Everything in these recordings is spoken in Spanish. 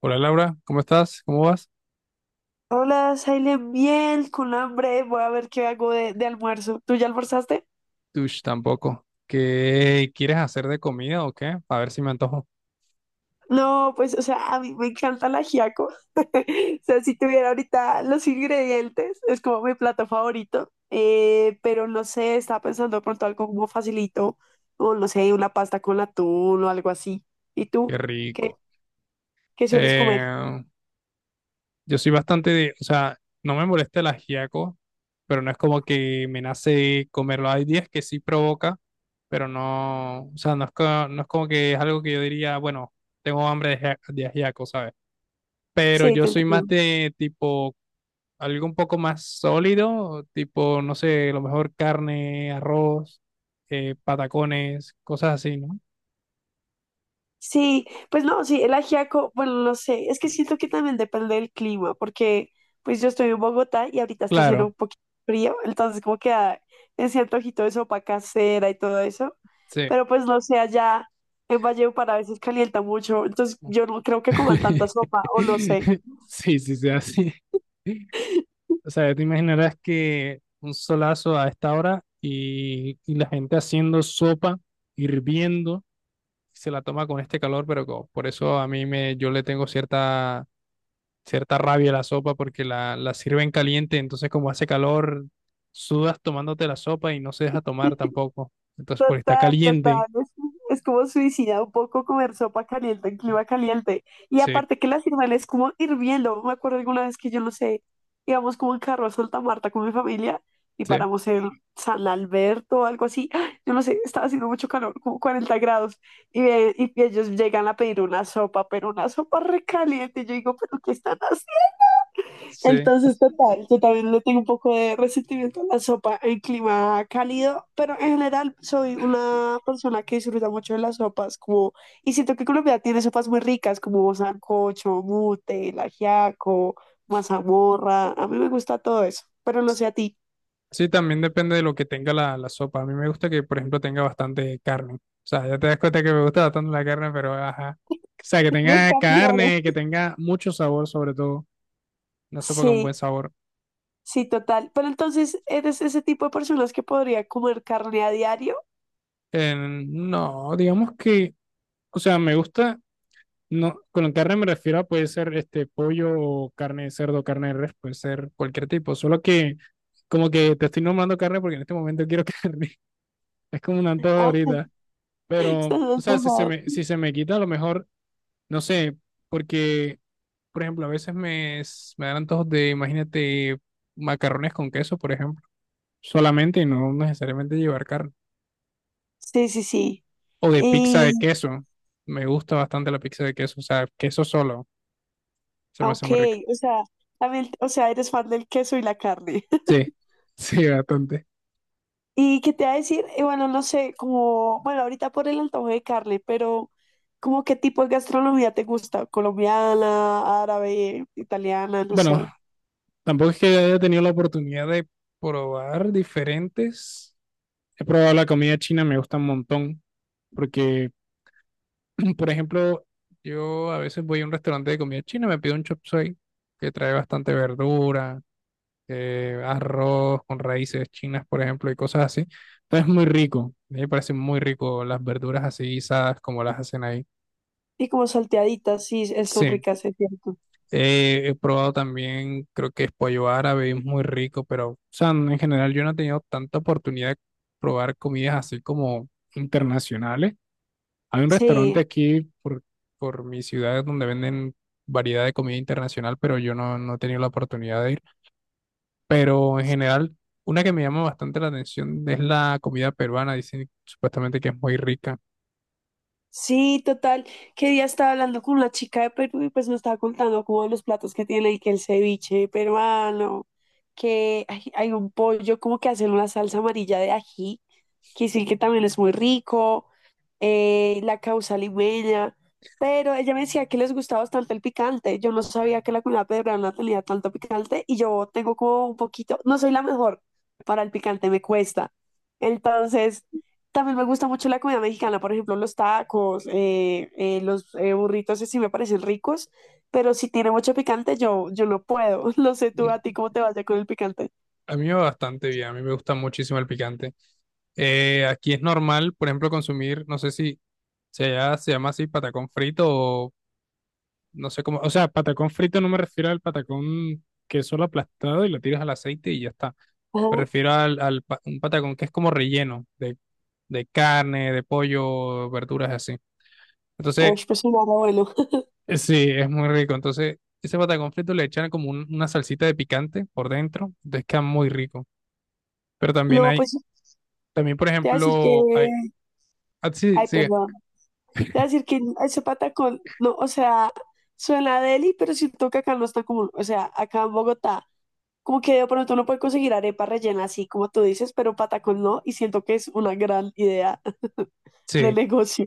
Hola Laura, ¿cómo estás? ¿Cómo vas? Hola, Silent, bien, con hambre, voy a ver qué hago de almuerzo. ¿Tú ya almorzaste? Tush, tampoco. ¿Qué quieres hacer de comida o qué? A ver si me antojo. No, pues, o sea, a mí me encanta el ajiaco. O sea, si tuviera ahorita los ingredientes, es como mi plato favorito. Pero no sé, estaba pensando de pronto algo como facilito, o no sé, una pasta con atún o algo así. ¿Y tú? Qué ¿Qué, rico. qué sueles comer? Eh, yo soy bastante de, o sea, no me molesta el ajiaco, pero no es como que me nace comerlo. Hay días que sí provoca, pero no, o sea, no es, no es como que es algo que yo diría, bueno, tengo hambre de, de ajiaco, ¿sabes? Pero Sí, yo te soy más entiendo. de tipo algo un poco más sólido, tipo, no sé, a lo mejor carne, arroz, patacones, cosas así, ¿no? Sí, pues no, sí, el ajiaco, bueno, no sé, es que siento que también depende del clima, porque pues yo estoy en Bogotá y ahorita está haciendo Claro, un poquito frío, entonces como queda ese antojito de sopa casera y todo eso, sí. pero pues no sé, allá en Valledupar a veces calienta mucho, entonces yo no creo que coman tanta sopa, o no sé. Sí, sí, sí, así. O sea, te imaginarás que un solazo a esta hora y, la gente haciendo sopa, hirviendo, se la toma con este calor, pero por eso a yo le tengo cierta rabia la sopa porque la sirven caliente, entonces como hace calor, sudas tomándote la sopa y no se deja tomar tampoco. Entonces, porque está Total, caliente, total. Es como suicida un poco comer sopa caliente en clima caliente. Y sí, aparte que la sirven es como hirviendo. Me acuerdo alguna vez que yo no sé, íbamos como en carro a Santa Marta con mi familia y sí, paramos en San Alberto o algo así. ¡Ah! Yo no sé, estaba haciendo mucho calor, como 40 grados. Y ellos llegan a pedir una sopa, pero una sopa recaliente. Y yo digo, ¿pero qué están sí. entonces? Total, yo también le tengo un poco de resentimiento a la sopa en clima cálido, pero en general soy una persona que disfruta mucho de las sopas, como, y siento que Colombia tiene sopas muy ricas, como sancocho, mute, el ajiaco, mazamorra, a mí me gusta todo eso, pero no sé a ti. Sí, también depende de lo que tenga la sopa. A mí me gusta que, por ejemplo, tenga bastante carne. O sea, ya te das cuenta que me gusta bastante la carne, pero ajá. O sea, que Me tenga cambiaron. carne, que tenga mucho sabor, sobre todo. Una sopa con buen Sí, sabor. sí, total, pero entonces, ¿eres ese tipo de personas que podría comer carne a diario? No, digamos que, o sea, me gusta. No, con carne me refiero a puede ser este pollo o carne de cerdo, carne de res, puede ser cualquier tipo. Solo que como que te estoy nombrando carne porque en este momento quiero carne. Es como un antojo Ah, ahorita. estás Pero, o más sea, mojado. Si se me quita, a lo mejor, no sé, porque, por ejemplo, a veces me dan antojos de, imagínate, macarrones con queso, por ejemplo, solamente y no necesariamente llevar carne. Sí, sí, sí. O de pizza Y, de queso. Me gusta bastante la pizza de queso, o sea, queso solo. Se me ah, hace ok, muy rica. o sea, también, o sea, eres fan del queso y la carne. Sí, sí, bastante. ¿Y qué te va a decir? Bueno, no sé, como, bueno, ahorita por el antojo de carne, pero ¿como qué tipo de gastronomía te gusta? ¿Colombiana, árabe, italiana, no Bueno, sé? tampoco es que haya tenido la oportunidad de probar diferentes. He probado la comida china, me gusta un montón, porque, por ejemplo, yo a veces voy a un restaurante de comida china, me pido un chop suey, que trae bastante verdura, arroz con raíces chinas, por ejemplo, y cosas así. Entonces es muy rico, a mí me parece muy rico las verduras así guisadas como las hacen ahí. Y como salteaditas, sí, son Sí. ricas, es cierto. He probado también, creo que es pollo árabe, es muy rico, pero, o sea, en general yo no he tenido tanta oportunidad de probar comidas así como internacionales. Hay un Sí, restaurante aquí por mi ciudad donde venden variedad de comida internacional, pero yo no, no he tenido la oportunidad de ir. Pero en general, una que me llama bastante la atención es la comida peruana, dicen supuestamente que es muy rica. sí, total. Que día estaba hablando con una chica de Perú y pues me estaba contando como los platos que tiene y que el ceviche peruano, que hay un pollo como que hacen una salsa amarilla de ají, que sí que también es muy rico, la causa limeña, pero ella me decía que les gustaba bastante el picante. Yo no sabía que la comida peruana tenía tanto picante y yo tengo como un poquito, no soy la mejor para el picante, me cuesta. Entonces... También me gusta mucho la comida mexicana, por ejemplo, los tacos, los burritos, sí me parecen ricos, pero si tiene mucho picante, yo no puedo. No sé tú a ti cómo te vaya con el picante. A mí me va bastante bien, a mí me gusta muchísimo el picante. Aquí es normal, por ejemplo, consumir, no sé si se llama así patacón frito o no sé cómo, o sea, patacón frito no me refiero al patacón que es solo aplastado y lo tiras al aceite y ya está. Me Ajá. refiero al un patacón que es como relleno de carne, de pollo, verduras así. Entonces, Uy, pues un abuelo. Sí, es muy rico. Entonces, ese patacón frito le echan como una salsita de picante por dentro, entonces queda muy rico. Pero también No, hay. pues También, por te voy a decir que. ejemplo, hay... ah, sí, Ay, sigue. perdón. Te voy a decir que ese patacón, no, o sea, suena deli, pero siento que acá no es tan común. O sea, acá en Bogotá, como que de pronto uno puede conseguir arepa rellena así como tú dices, pero patacón no, y siento que es una gran idea de Sí. negocio.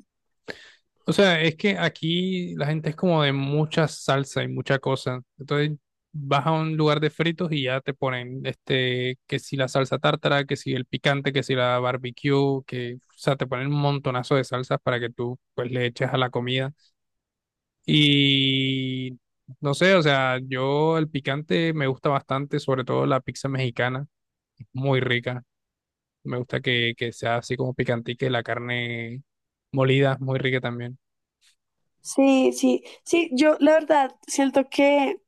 O sea, es que aquí la gente es como de mucha salsa y mucha cosa. Entonces vas a un lugar de fritos y ya te ponen este, que si la salsa tártara, que si el picante, que si la barbecue, que, o sea, te ponen un montonazo de salsas para que tú pues le eches a la comida. Y no sé, o sea, yo el picante me gusta bastante, sobre todo la pizza mexicana, es muy rica. Me gusta que sea así como picantique, la carne molida, muy rica también. Sí, sí, sí, yo la verdad siento que,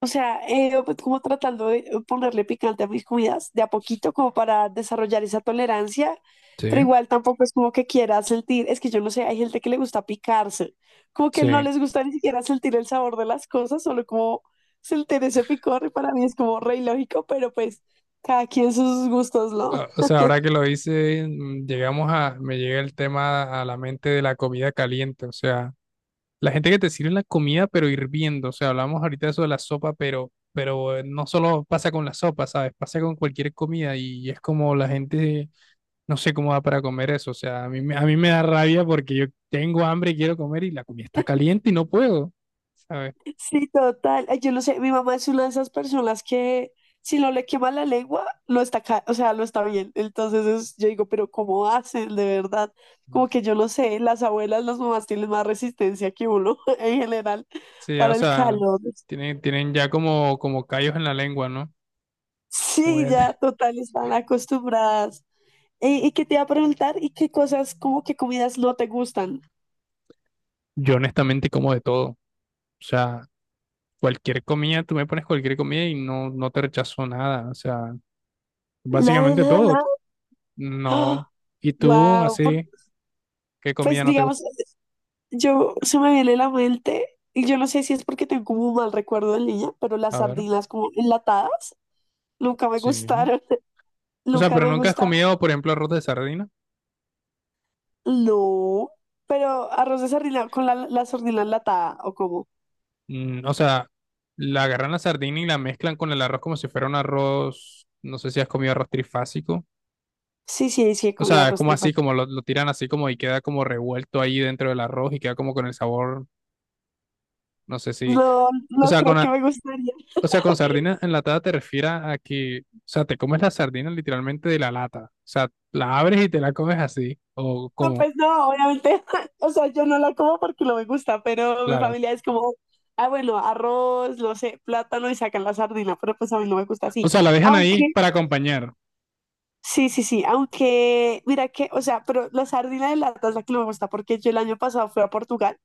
o sea, pues, como tratando de ponerle picante a mis comidas de a poquito como para desarrollar esa tolerancia, Sí, pero igual tampoco es como que quiera sentir, es que yo no sé, hay gente que le gusta picarse, como que no sí. les gusta ni siquiera sentir el sabor de las cosas, solo como sentir ese picor y para mí es como re ilógico, pero pues cada quien sus gustos, ¿no? Ah, o sea, ahora que lo hice, llegamos a, me llega el tema a la mente de la comida caliente. O sea, la gente que te sirve la comida, pero hirviendo. O sea, hablamos ahorita de eso de la sopa, pero, pero no solo pasa con la sopa, ¿sabes? Pasa con cualquier comida y es como la gente, no sé cómo va para comer eso. O sea, a mí, a mí me da rabia porque yo tengo hambre y quiero comer y la comida está caliente y no puedo, ¿sabes? Sí, total. Ay, yo no sé, mi mamá es una de esas personas que si no le quema la lengua, lo está, o sea, lo está bien. Yo digo, pero ¿cómo hacen de verdad? Como que yo no sé, las abuelas, las mamás tienen más resistencia que uno en general Sí, o para el sea, calor. Tienen ya como, como callos en la lengua, ¿no? Como Sí, ya ya, total, están acostumbradas. Y qué te iba a preguntar? ¿Y qué cosas, como qué comidas no te gustan? yo honestamente como de todo. O sea, cualquier comida, tú me pones cualquier comida y no, no te rechazo nada. O sea, Nada, básicamente todo. nada, nada. No. ¿Y tú, Wow, así, qué pues comida no te digamos. gusta? Yo se me viene la mente, y yo no sé si es porque tengo como un mal recuerdo de niña, pero las A ver. sardinas como enlatadas nunca me Sí. gustaron. O sea, Nunca pero me nunca has gustaron. comido, por ejemplo, arroz de sardina. No. Pero arroz de sardina con la sardina enlatada, ¿o cómo? O sea, la agarran la sardina y la mezclan con el arroz como si fuera un arroz. No sé si has comido arroz trifásico. Sí, sí, sí, he O comido sea, es arroz como así, trifásico. como lo tiran así como y queda como revuelto ahí dentro del arroz y queda como con el sabor, no sé si, No, o no sea, creo con, que me gustaría. o sea, con sardina enlatada te refieres a que, o sea, te comes la sardina literalmente de la lata, o sea, la abres y te la comes así, o No, como, pues no, obviamente. O sea, yo no la como porque no me gusta, pero mi claro. familia es como, ah, bueno, arroz, no sé, plátano y sacan la sardina, pero pues a mí no me gusta O así. sea, la dejan ahí Aunque para acompañar, sí, sí, sí, aunque mira que, o sea, pero la sardina de lata es la que no me gusta porque yo el año pasado fui a Portugal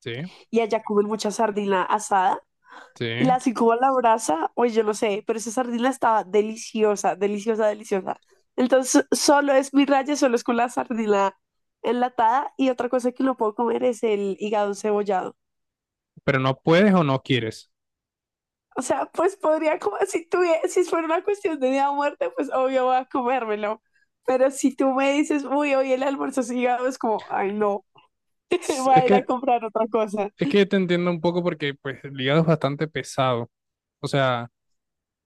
sí, y allá comen mucha sardina asada sí, y la así como a la brasa, oye, yo no sé, pero esa sardina estaba deliciosa, deliciosa, deliciosa. Entonces, solo es mi raya, solo es con la sardina enlatada y otra cosa que no puedo comer es el hígado cebollado. pero no puedes o no quieres. O sea, pues podría comer, si tuviera, si fuera una cuestión de día o muerte, pues obvio voy a comérmelo. Pero si tú me dices, uy, hoy el almuerzo es hígado, es como, ay, no. Es Va es a ir a que, comprar otra cosa. es que te entiendo un poco porque pues el hígado es bastante pesado, o sea...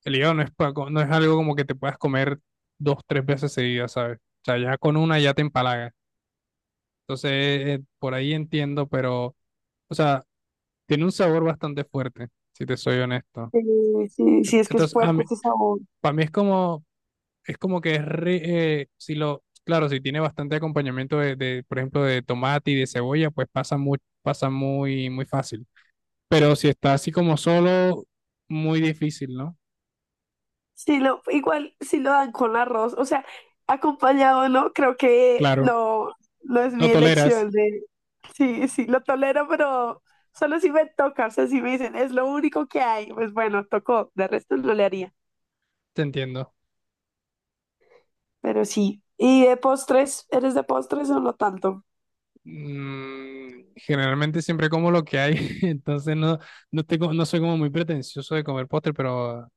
El hígado no es, no es algo como que te puedas comer dos, tres veces seguidas, ¿sabes? O sea, ya con una ya te empalaga. Entonces, por ahí entiendo, pero, o sea, tiene un sabor bastante fuerte, si te soy honesto. Sí, sí, sí, es que es Entonces, a fuerte mí, ese sabor. para mí es como que si lo, claro, si tiene bastante acompañamiento de, por ejemplo, de tomate y de cebolla, pues pasa muy, muy fácil. Pero si está así como solo, muy difícil, ¿no? Sí, lo, igual si lo dan con arroz, o sea, acompañado, ¿no? Creo que Claro, no, no es mi lo toleras, elección de, sí, sí, lo tolero, pero solo si me toca, o sea, si me dicen, es lo único que hay, pues bueno, tocó, de resto no le haría, te entiendo. pero sí. ¿Y de postres? ¿Eres de postres o no tanto? Generalmente siempre como lo que hay, entonces no, no tengo, no soy como muy pretencioso de comer postre, pero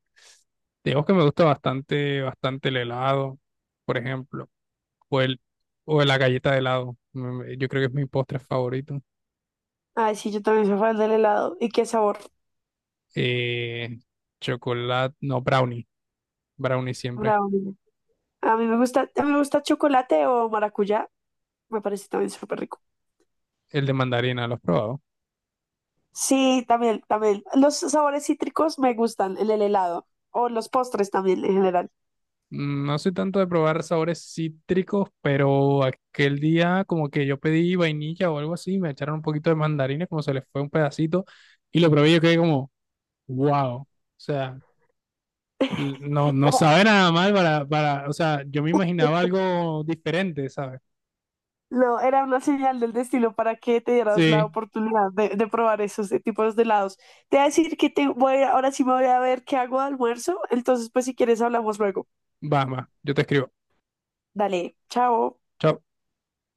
digamos que me gusta bastante, bastante el helado, por ejemplo, o el, o la galleta de helado. Yo creo que es mi postre favorito. Ay, sí, yo también soy fan del helado. ¿Y qué sabor? Eh, chocolate, no, brownie, brownie siempre. Bravo. A mí me gusta, a mí me gusta chocolate o maracuyá, me parece también súper rico. El de mandarina, ¿lo has probado? Sí, también, también. Los sabores cítricos me gustan en el helado o los postres también en general. No soy tanto de probar sabores cítricos, pero aquel día como que yo pedí vainilla o algo así, me echaron un poquito de mandarina, como se les fue un pedacito, y lo probé y yo quedé como, wow, o sea, no, no Era- sabe nada mal para, o sea, yo me imaginaba algo diferente, ¿sabes? No, era una señal del destino para que te dieras la Sí, oportunidad de probar esos tipos de helados. Te voy a decir que te voy, ahora sí me voy a ver qué hago de almuerzo, entonces pues si quieres hablamos luego. va, va, yo te escribo. Dale, chao. Chao.